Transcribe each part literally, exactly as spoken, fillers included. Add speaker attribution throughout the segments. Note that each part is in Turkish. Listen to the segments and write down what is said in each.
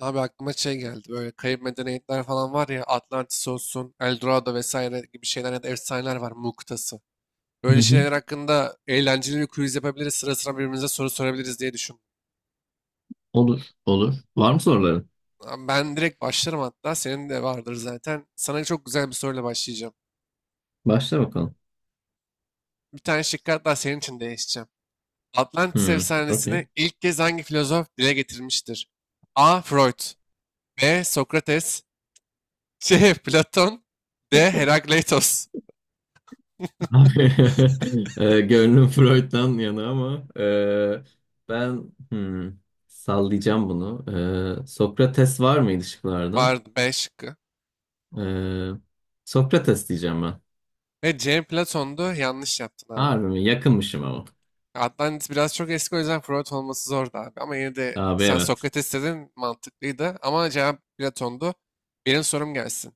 Speaker 1: Abi aklıma şey geldi. Böyle kayıp medeniyetler falan var ya. Atlantis olsun, Eldorado vesaire gibi şeyler ya da efsaneler var. Mu kıtası.
Speaker 2: Hı
Speaker 1: Böyle
Speaker 2: hı.
Speaker 1: şeyler hakkında eğlenceli bir quiz yapabiliriz. Sıra sıra birbirimize soru sorabiliriz diye düşündüm.
Speaker 2: Olur, olur. Var mı soruların?
Speaker 1: Abi ben direkt başlarım hatta. Senin de vardır zaten. Sana çok güzel bir soruyla başlayacağım.
Speaker 2: Başla bakalım.
Speaker 1: Bir tane şıkkı hatta senin için değişeceğim. Atlantis
Speaker 2: Hmm,
Speaker 1: efsanesini
Speaker 2: okey.
Speaker 1: ilk kez hangi filozof dile getirmiştir? A. Freud. B. Sokrates. C. Platon. D. Herakleitos.
Speaker 2: Abi, e, gönlüm Freud'dan yana ama e, ben hmm, sallayacağım bunu. E, Sokrates var mıydı şıklarda?
Speaker 1: Vardı beş.
Speaker 2: E, Sokrates diyeceğim ben.
Speaker 1: Ve cem Platon'du. Yanlış yaptın abi.
Speaker 2: Harbi mi? Yakınmışım ama.
Speaker 1: Atlantis biraz çok eski, o yüzden Freud olması zordu abi. Ama yine de
Speaker 2: Abi
Speaker 1: sen
Speaker 2: evet.
Speaker 1: Sokrates dedin, mantıklıydı. Ama cevap Platon'du. Benim sorum gelsin.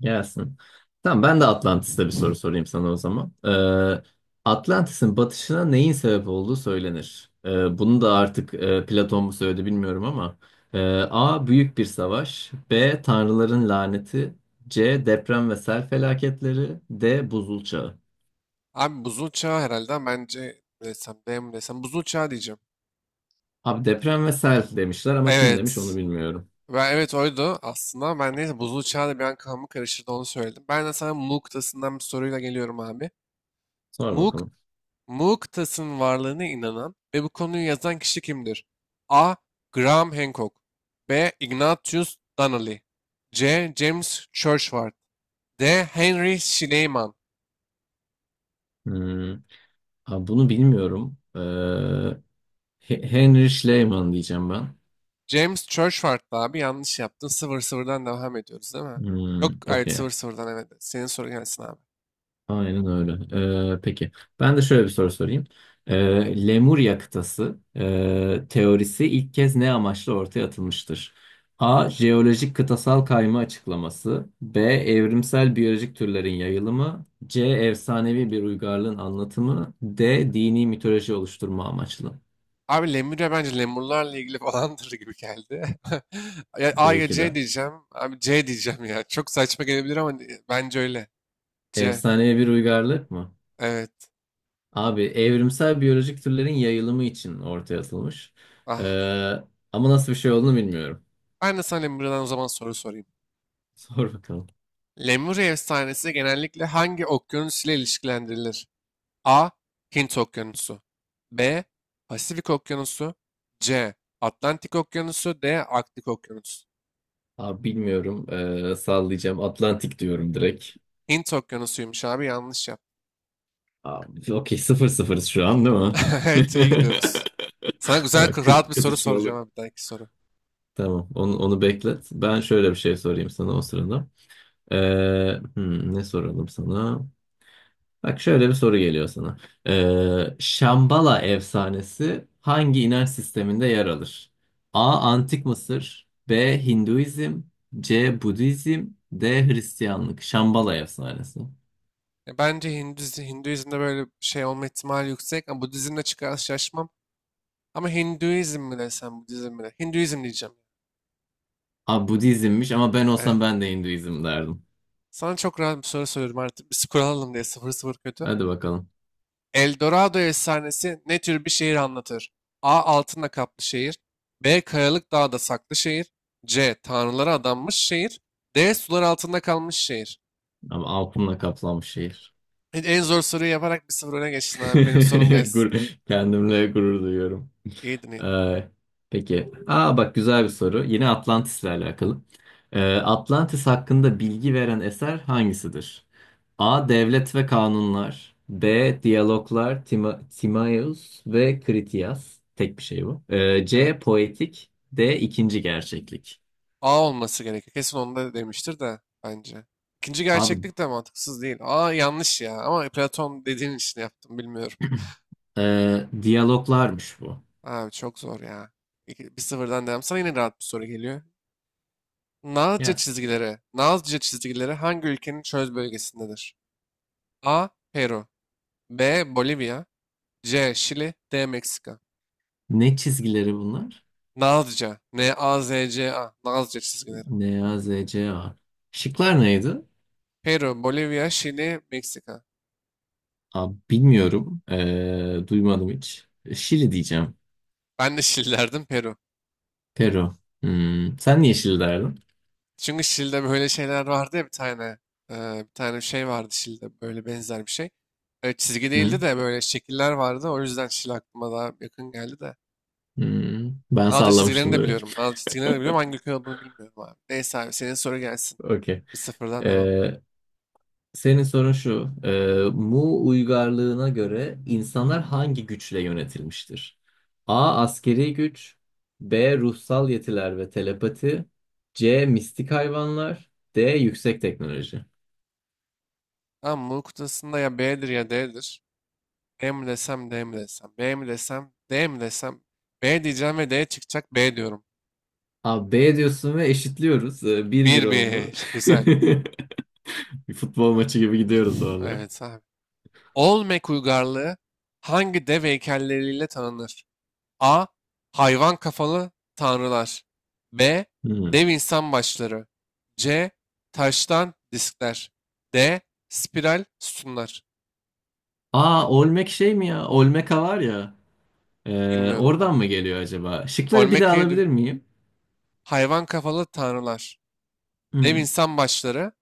Speaker 2: Gelsin. Tamam ben de Atlantis'te bir soru sorayım sana o zaman. Ee, Atlantis'in batışına neyin sebep olduğu söylenir. Ee, bunu da artık e, Platon mu söyledi bilmiyorum ama. Ee, A. Büyük bir savaş. B. Tanrıların laneti. C. Deprem ve sel felaketleri. D. Buzul çağı.
Speaker 1: Abi buzul çağı herhalde, ama bence ne desem, D mi desem, buzul çağı diyeceğim.
Speaker 2: Abi deprem ve sel demişler ama kim demiş onu
Speaker 1: Evet.
Speaker 2: bilmiyorum.
Speaker 1: Ben, evet, oydu aslında. Ben neyse, buzul çağı da bir an kafamı karıştırdı, onu söyledim. Ben de sana Mu kıtasından bir soruyla geliyorum abi.
Speaker 2: Sor
Speaker 1: Mu
Speaker 2: bakalım.
Speaker 1: Mu kıtasının varlığına inanan ve bu konuyu yazan kişi kimdir? A. Graham Hancock. B. Ignatius Donnelly. C. James Churchward. D. Henry Schleiman.
Speaker 2: Hmm, abi bunu bilmiyorum. Ee, He- Henry Schliemann diyeceğim ben.
Speaker 1: James Churchward da abi, yanlış yaptın. sıfır sıfırdan devam ediyoruz değil mi? Yok,
Speaker 2: Hmm,
Speaker 1: evet,
Speaker 2: okey.
Speaker 1: sıfır sıfırdan evet. Senin sorun gelsin abi.
Speaker 2: Aynen öyle. Ee, peki. Ben de şöyle bir soru sorayım. Ee, Lemurya kıtası e, teorisi ilk kez ne amaçla ortaya atılmıştır? A. Jeolojik kıtasal kayma açıklaması. B. Evrimsel biyolojik türlerin yayılımı. C. Efsanevi bir uygarlığın anlatımı. D. Dini mitoloji oluşturma amaçlı.
Speaker 1: Abi Lemurya bence lemurlarla ilgili falandır gibi geldi. Ya A ya
Speaker 2: Belki
Speaker 1: C
Speaker 2: de.
Speaker 1: diyeceğim. Abi C diyeceğim ya. Çok saçma gelebilir ama bence öyle. C.
Speaker 2: Efsanevi bir uygarlık mı?
Speaker 1: Evet.
Speaker 2: Abi evrimsel biyolojik türlerin yayılımı için ortaya atılmış. Ee,
Speaker 1: Ah.
Speaker 2: ama nasıl bir şey olduğunu bilmiyorum.
Speaker 1: Ben de sana Lemuria'dan o zaman soru sorayım.
Speaker 2: Sor bakalım.
Speaker 1: Lemuria efsanesi genellikle hangi okyanus ile ilişkilendirilir? A. Hint Okyanusu. B. Pasifik Okyanusu. C. Atlantik Okyanusu. D. Arktik Okyanusu.
Speaker 2: Abi bilmiyorum. Ee, sallayacağım. Atlantik diyorum direkt.
Speaker 1: Hint Okyanusu'ymuş abi, yanlış yap.
Speaker 2: Abi, okey, sıfır sıfırız şu an değil mi?
Speaker 1: Evet, iyi gidiyoruz. Sana güzel
Speaker 2: Ee,
Speaker 1: rahat
Speaker 2: Kız,
Speaker 1: bir soru soracağım
Speaker 2: kızışmalı.
Speaker 1: abi, bir dahaki soru.
Speaker 2: Tamam, onu, onu beklet. Ben şöyle bir şey sorayım sana o sırada. Ee, hmm, ne soralım sana? Bak, şöyle bir soru geliyor sana. Ee, Şambala efsanesi hangi inanç sisteminde yer alır? A. Antik Mısır. B. Hinduizm. C. Budizm. D. Hristiyanlık. Şambala efsanesi.
Speaker 1: Ya bence Hinduizm, Hinduizm'de böyle bir şey olma ihtimali yüksek ama Budizm'le çıkarsa şaşmam. Ama Hinduizm mi desem, Budizm mi desem? Hinduizm diyeceğim.
Speaker 2: A. Budizmmiş, ama ben
Speaker 1: Evet.
Speaker 2: olsam ben de Hinduizm derdim.
Speaker 1: Sana çok rahat bir soru soruyorum artık. Bir skor alalım diye, sıfır sıfır kötü.
Speaker 2: Hadi bakalım.
Speaker 1: El Dorado efsanesi ne tür bir şehir anlatır? A. Altınla kaplı şehir. B. Kayalık dağda saklı şehir. C. Tanrılara adanmış şehir. D. Sular altında kalmış şehir.
Speaker 2: Ama aklımla kaplanmış şehir.
Speaker 1: En en zor soruyu yaparak bir sıfır öne geçtin abi. Benim sorum gelsin.
Speaker 2: Gur- Kendimle gurur duyuyorum.
Speaker 1: İyiydin iyiydin.
Speaker 2: Ee, peki. Aa, bak, güzel bir soru. Yine Atlantis'le alakalı. Ee, Atlantis hakkında bilgi veren eser hangisidir? A. Devlet ve Kanunlar. B. Diyaloglar, Tima Timaeus ve Critias. Tek bir şey bu. Ee, C.
Speaker 1: Evet.
Speaker 2: Poetik. D. İkinci Gerçeklik.
Speaker 1: A olması gerekiyor. Kesin onu da demiştir de bence. İkinci
Speaker 2: Abi,
Speaker 1: gerçeklik de mantıksız değil. A yanlış ya. Ama Platon dediğin için yaptım, bilmiyorum.
Speaker 2: e, diyaloglarmış bu.
Speaker 1: Abi çok zor ya. İki- Bir sıfırdan devam. Sana yine rahat bir soru geliyor. Nazca
Speaker 2: Yes.
Speaker 1: çizgileri. Nazca çizgileri hangi ülkenin çöl bölgesindedir? A. Peru. B. Bolivya. C. Şili. D. Meksika.
Speaker 2: Ne çizgileri bunlar?
Speaker 1: Nazca, N-A-Z-C-A, Nazca çizgileri.
Speaker 2: Ne, A, Z, C, A. Şıklar neydi?
Speaker 1: Peru, Bolivya, Şili, Meksika.
Speaker 2: Abi bilmiyorum. Ee, duymadım hiç. Şili diyeceğim.
Speaker 1: Ben de Şili derdim, Peru.
Speaker 2: Peru. Hmm. Sen niye Şili derdin?
Speaker 1: Çünkü Şili'de böyle şeyler vardı ya bir tane. E, bir tane şey vardı Şili'de, böyle benzer bir şey. E, çizgi
Speaker 2: Hı?
Speaker 1: değildi de böyle şekiller vardı. O yüzden Şili aklıma daha yakın geldi de.
Speaker 2: Hmm. Ben
Speaker 1: Dalga çizgilerini
Speaker 2: sallamıştım
Speaker 1: de biliyorum.
Speaker 2: direkt.
Speaker 1: Dalga çizgilerini de biliyorum. Hangi ülke olduğunu bilmiyorum abi. Neyse abi, senin soru gelsin.
Speaker 2: Okey.
Speaker 1: Bir sıfırdan devam.
Speaker 2: Ee, senin sorun şu. Ee, Mu uygarlığına göre insanlar hangi güçle yönetilmiştir? A. Askeri güç. B. Ruhsal yetiler ve telepati. C. Mistik hayvanlar. D. Yüksek teknoloji.
Speaker 1: Tamam, Mu kutusunda ya B'dir ya D'dir. E mi desem D mi desem. B mi desem D mi desem. B diyeceğim ve D çıkacak, B diyorum.
Speaker 2: Abi, B diyorsun ve eşitliyoruz. Ee, Bir bir
Speaker 1: Bir
Speaker 2: oldu.
Speaker 1: bir. Güzel.
Speaker 2: Bir futbol maçı gibi gidiyoruz vallahi.
Speaker 1: Evet abi. Olmek uygarlığı hangi dev heykelleriyle tanınır? A. Hayvan kafalı tanrılar. B.
Speaker 2: Hmm.
Speaker 1: Dev insan başları. C. Taştan diskler. D. Spiral sütunlar.
Speaker 2: Aa, Olmek şey mi ya? Olmeka var ya. Ee,
Speaker 1: Bilmiyorum
Speaker 2: oradan
Speaker 1: vallahi.
Speaker 2: mı geliyor acaba? Şıkları bir daha
Speaker 1: Olmeka'yı.
Speaker 2: alabilir miyim?
Speaker 1: Hayvan kafalı tanrılar. Dev
Speaker 2: Hmm.
Speaker 1: insan başları.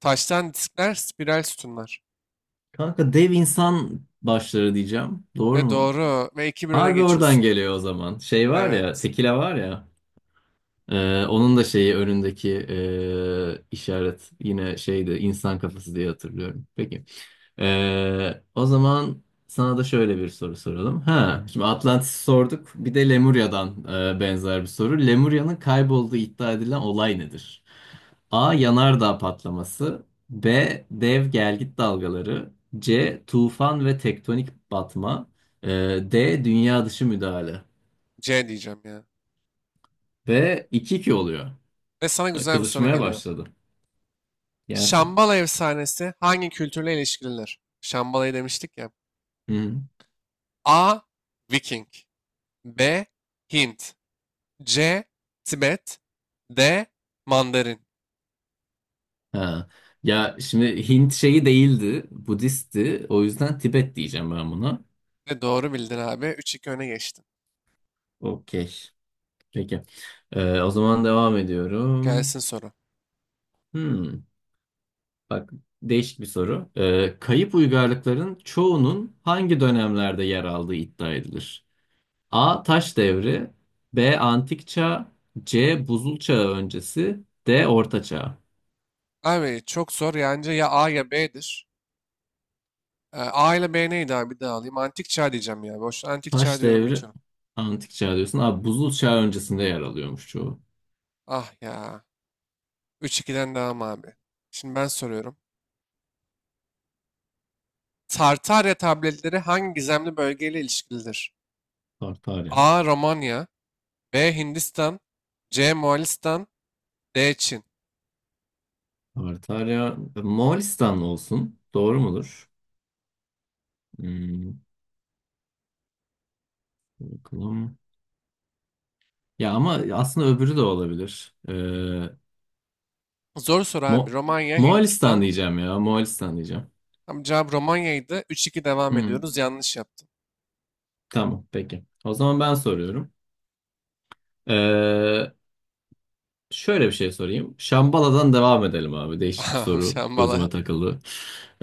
Speaker 1: Taştan diskler. Spiral sütunlar.
Speaker 2: Kanka, dev insan başları diyeceğim. Doğru
Speaker 1: Ve
Speaker 2: mu?
Speaker 1: doğru. Ve iki bir öne
Speaker 2: Harbi oradan
Speaker 1: geçiyorsun.
Speaker 2: geliyor o zaman. Şey var ya,
Speaker 1: Evet.
Speaker 2: tekila var ya. Ee, onun da şeyi önündeki e, işaret yine şeydi, insan kafası diye hatırlıyorum. Peki. Ee, o zaman sana da şöyle bir soru soralım. Ha, şimdi Atlantis sorduk. Bir de Lemurya'dan e, benzer bir soru. Lemurya'nın kaybolduğu iddia edilen olay nedir? A. Yanardağ patlaması. B. Dev gelgit dalgaları. C. Tufan ve tektonik batma. E, D. Dünya dışı müdahale.
Speaker 1: C diyeceğim ya.
Speaker 2: Ve iki 2 oluyor.
Speaker 1: Ve sana güzel bir soru
Speaker 2: Kızışmaya
Speaker 1: geliyor.
Speaker 2: başladı. Gelsin.
Speaker 1: Şambala efsanesi hangi kültürle ilişkilidir? Şambala'yı demiştik ya.
Speaker 2: Hı hı.
Speaker 1: A. Viking. B. Hint. C. Tibet. D. Mandarin.
Speaker 2: Ha. Ya, şimdi Hint şeyi değildi, Budist'ti. O yüzden Tibet diyeceğim ben buna.
Speaker 1: Ve doğru bildin abi. Üç iki öne geçtin.
Speaker 2: Okey. Peki. Ee, o zaman devam ediyorum.
Speaker 1: Gelsin soru.
Speaker 2: Hmm. Bak, değişik bir soru. Ee, kayıp uygarlıkların çoğunun hangi dönemlerde yer aldığı iddia edilir? A. Taş devri. B. Antik çağ. C. Buzul çağı öncesi. D. Orta çağ.
Speaker 1: Abi çok zor. Yani ya A ya B'dir. Ee, A ile B neydi abi? Bir daha alayım. Antik çağ diyeceğim ya. Boş, antik çağ
Speaker 2: Taş
Speaker 1: diyorum,
Speaker 2: devri,
Speaker 1: geçiyorum.
Speaker 2: Antik çağ diyorsun. Abi, buzul çağı öncesinde yer alıyormuş çoğu.
Speaker 1: Ah ya. üç ikiden devam abi. Şimdi ben soruyorum. Tartarya tabletleri hangi gizemli bölgeyle ilişkilidir?
Speaker 2: Tartarya.
Speaker 1: A. Romanya. B. Hindistan. C. Moğolistan. D. Çin.
Speaker 2: Tartarya, Moğolistan olsun. Doğru mudur? Hmm, bakalım. Ya ama aslında öbürü de olabilir. Ee,
Speaker 1: Zor soru abi.
Speaker 2: Mo
Speaker 1: Romanya,
Speaker 2: Moğolistan
Speaker 1: Hindistan.
Speaker 2: diyeceğim ya. Moğolistan diyeceğim.
Speaker 1: Tam cevap Romanya'ydı. Üç iki devam
Speaker 2: Hmm,
Speaker 1: ediyoruz. Yanlış yaptım.
Speaker 2: tamam peki. O zaman ben soruyorum. Ee, Şöyle bir şey sorayım. Şambala'dan devam edelim abi. Değişik bir
Speaker 1: Abi
Speaker 2: soru.
Speaker 1: sen valla...
Speaker 2: Gözüme takıldı.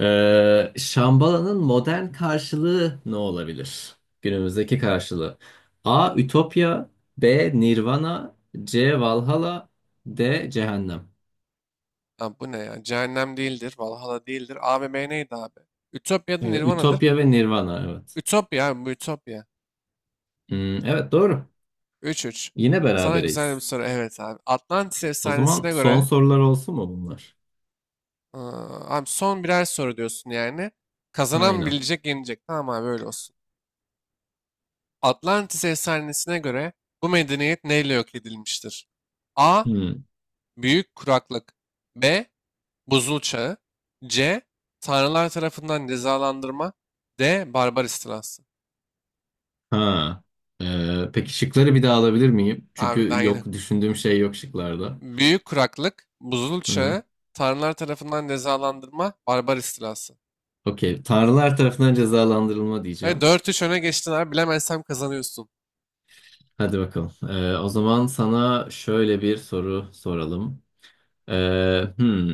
Speaker 2: Ee, Şambala'nın modern karşılığı ne olabilir? Günümüzdeki karşılığı. A. Ütopya. B. Nirvana. C. Valhalla. D. Cehennem.
Speaker 1: Ha, bu ne ya? Cehennem değildir, Valhalla değildir. A ve B neydi abi? Ütopya'da
Speaker 2: Ee,
Speaker 1: Nirvana'dır.
Speaker 2: Ütopya ve Nirvana, evet.
Speaker 1: Ütopya abi, bu Ütopya.
Speaker 2: Hmm, evet, doğru.
Speaker 1: Üç 3.
Speaker 2: Yine
Speaker 1: Sana güzel bir
Speaker 2: berabereyiz.
Speaker 1: soru. Evet abi. Atlantis
Speaker 2: O zaman
Speaker 1: efsanesine
Speaker 2: son
Speaker 1: göre...
Speaker 2: sorular olsun mu bunlar?
Speaker 1: Aa, abi son birer soru diyorsun yani. Kazanan
Speaker 2: Aynen.
Speaker 1: bilecek, yenecek. Tamam abi, öyle olsun. Atlantis efsanesine göre bu medeniyet neyle yok edilmiştir? A.
Speaker 2: Hmm.
Speaker 1: Büyük kuraklık. B. Buzul Çağı. C. Tanrılar tarafından cezalandırma. D. Barbar istilası.
Speaker 2: Ha. Ee, peki, şıkları bir daha alabilir miyim?
Speaker 1: Abi daha
Speaker 2: Çünkü
Speaker 1: yeni.
Speaker 2: yok, düşündüğüm şey yok şıklarda.
Speaker 1: Büyük kuraklık, buzul
Speaker 2: Hı-hı.
Speaker 1: çağı, tanrılar tarafından cezalandırma, barbar istilası.
Speaker 2: Okey. Tanrılar tarafından cezalandırılma
Speaker 1: Ve
Speaker 2: diyeceğim.
Speaker 1: dört üç öne geçtin abi. Bilemezsem kazanıyorsun.
Speaker 2: Hadi bakalım. Ee, o zaman sana şöyle bir soru soralım. Ee, hmm.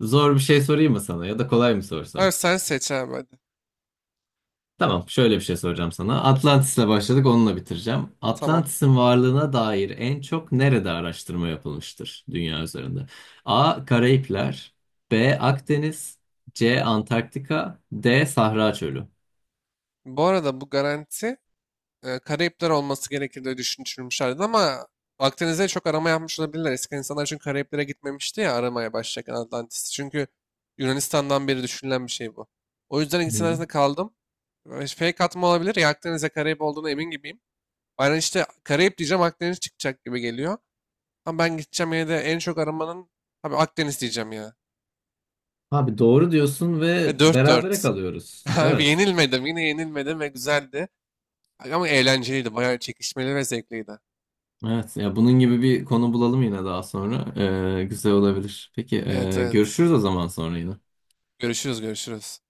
Speaker 2: Zor bir şey sorayım mı sana, ya da kolay mı
Speaker 1: Abi
Speaker 2: sorsam?
Speaker 1: sen seç abi, hadi.
Speaker 2: Tamam, şöyle bir şey soracağım sana. Atlantis'le başladık, onunla bitireceğim.
Speaker 1: Tamam.
Speaker 2: Atlantis'in varlığına dair en çok nerede araştırma yapılmıştır dünya üzerinde? A. Karayipler. B. Akdeniz. C. Antarktika. D. Sahra Çölü.
Speaker 1: Bu arada bu garanti, e, Karayipler olması gerekir diye düşünmüşlerdi, ama Akdeniz'de çok arama yapmış olabilirler. Eski insanlar, çünkü Karayiplere gitmemişti ya aramaya başlarken Atlantis. Çünkü Yunanistan'dan beri düşünülen bir şey bu. O yüzden ikisinin
Speaker 2: Hı.
Speaker 1: arasında kaldım. E, Fake atma olabilir ya Akdeniz'de, Karayip olduğuna emin gibiyim. Aynen işte, Karayip diyeceğim, Akdeniz çıkacak gibi geliyor. Ama ben gideceğim yine de en çok aramanın, tabii Akdeniz diyeceğim ya.
Speaker 2: Abi, doğru diyorsun
Speaker 1: E,
Speaker 2: ve berabere
Speaker 1: dört dört.
Speaker 2: kalıyoruz.
Speaker 1: Abi
Speaker 2: Evet.
Speaker 1: yenilmedim, yine yenilmedim ve güzeldi. Ama eğlenceliydi, bayağı çekişmeli ve zevkliydi.
Speaker 2: Evet. Ya, bunun gibi bir konu bulalım yine daha sonra. Ee, güzel olabilir. Peki,
Speaker 1: Evet,
Speaker 2: e,
Speaker 1: evet.
Speaker 2: görüşürüz o zaman sonra yine.
Speaker 1: Görüşürüz görüşürüz.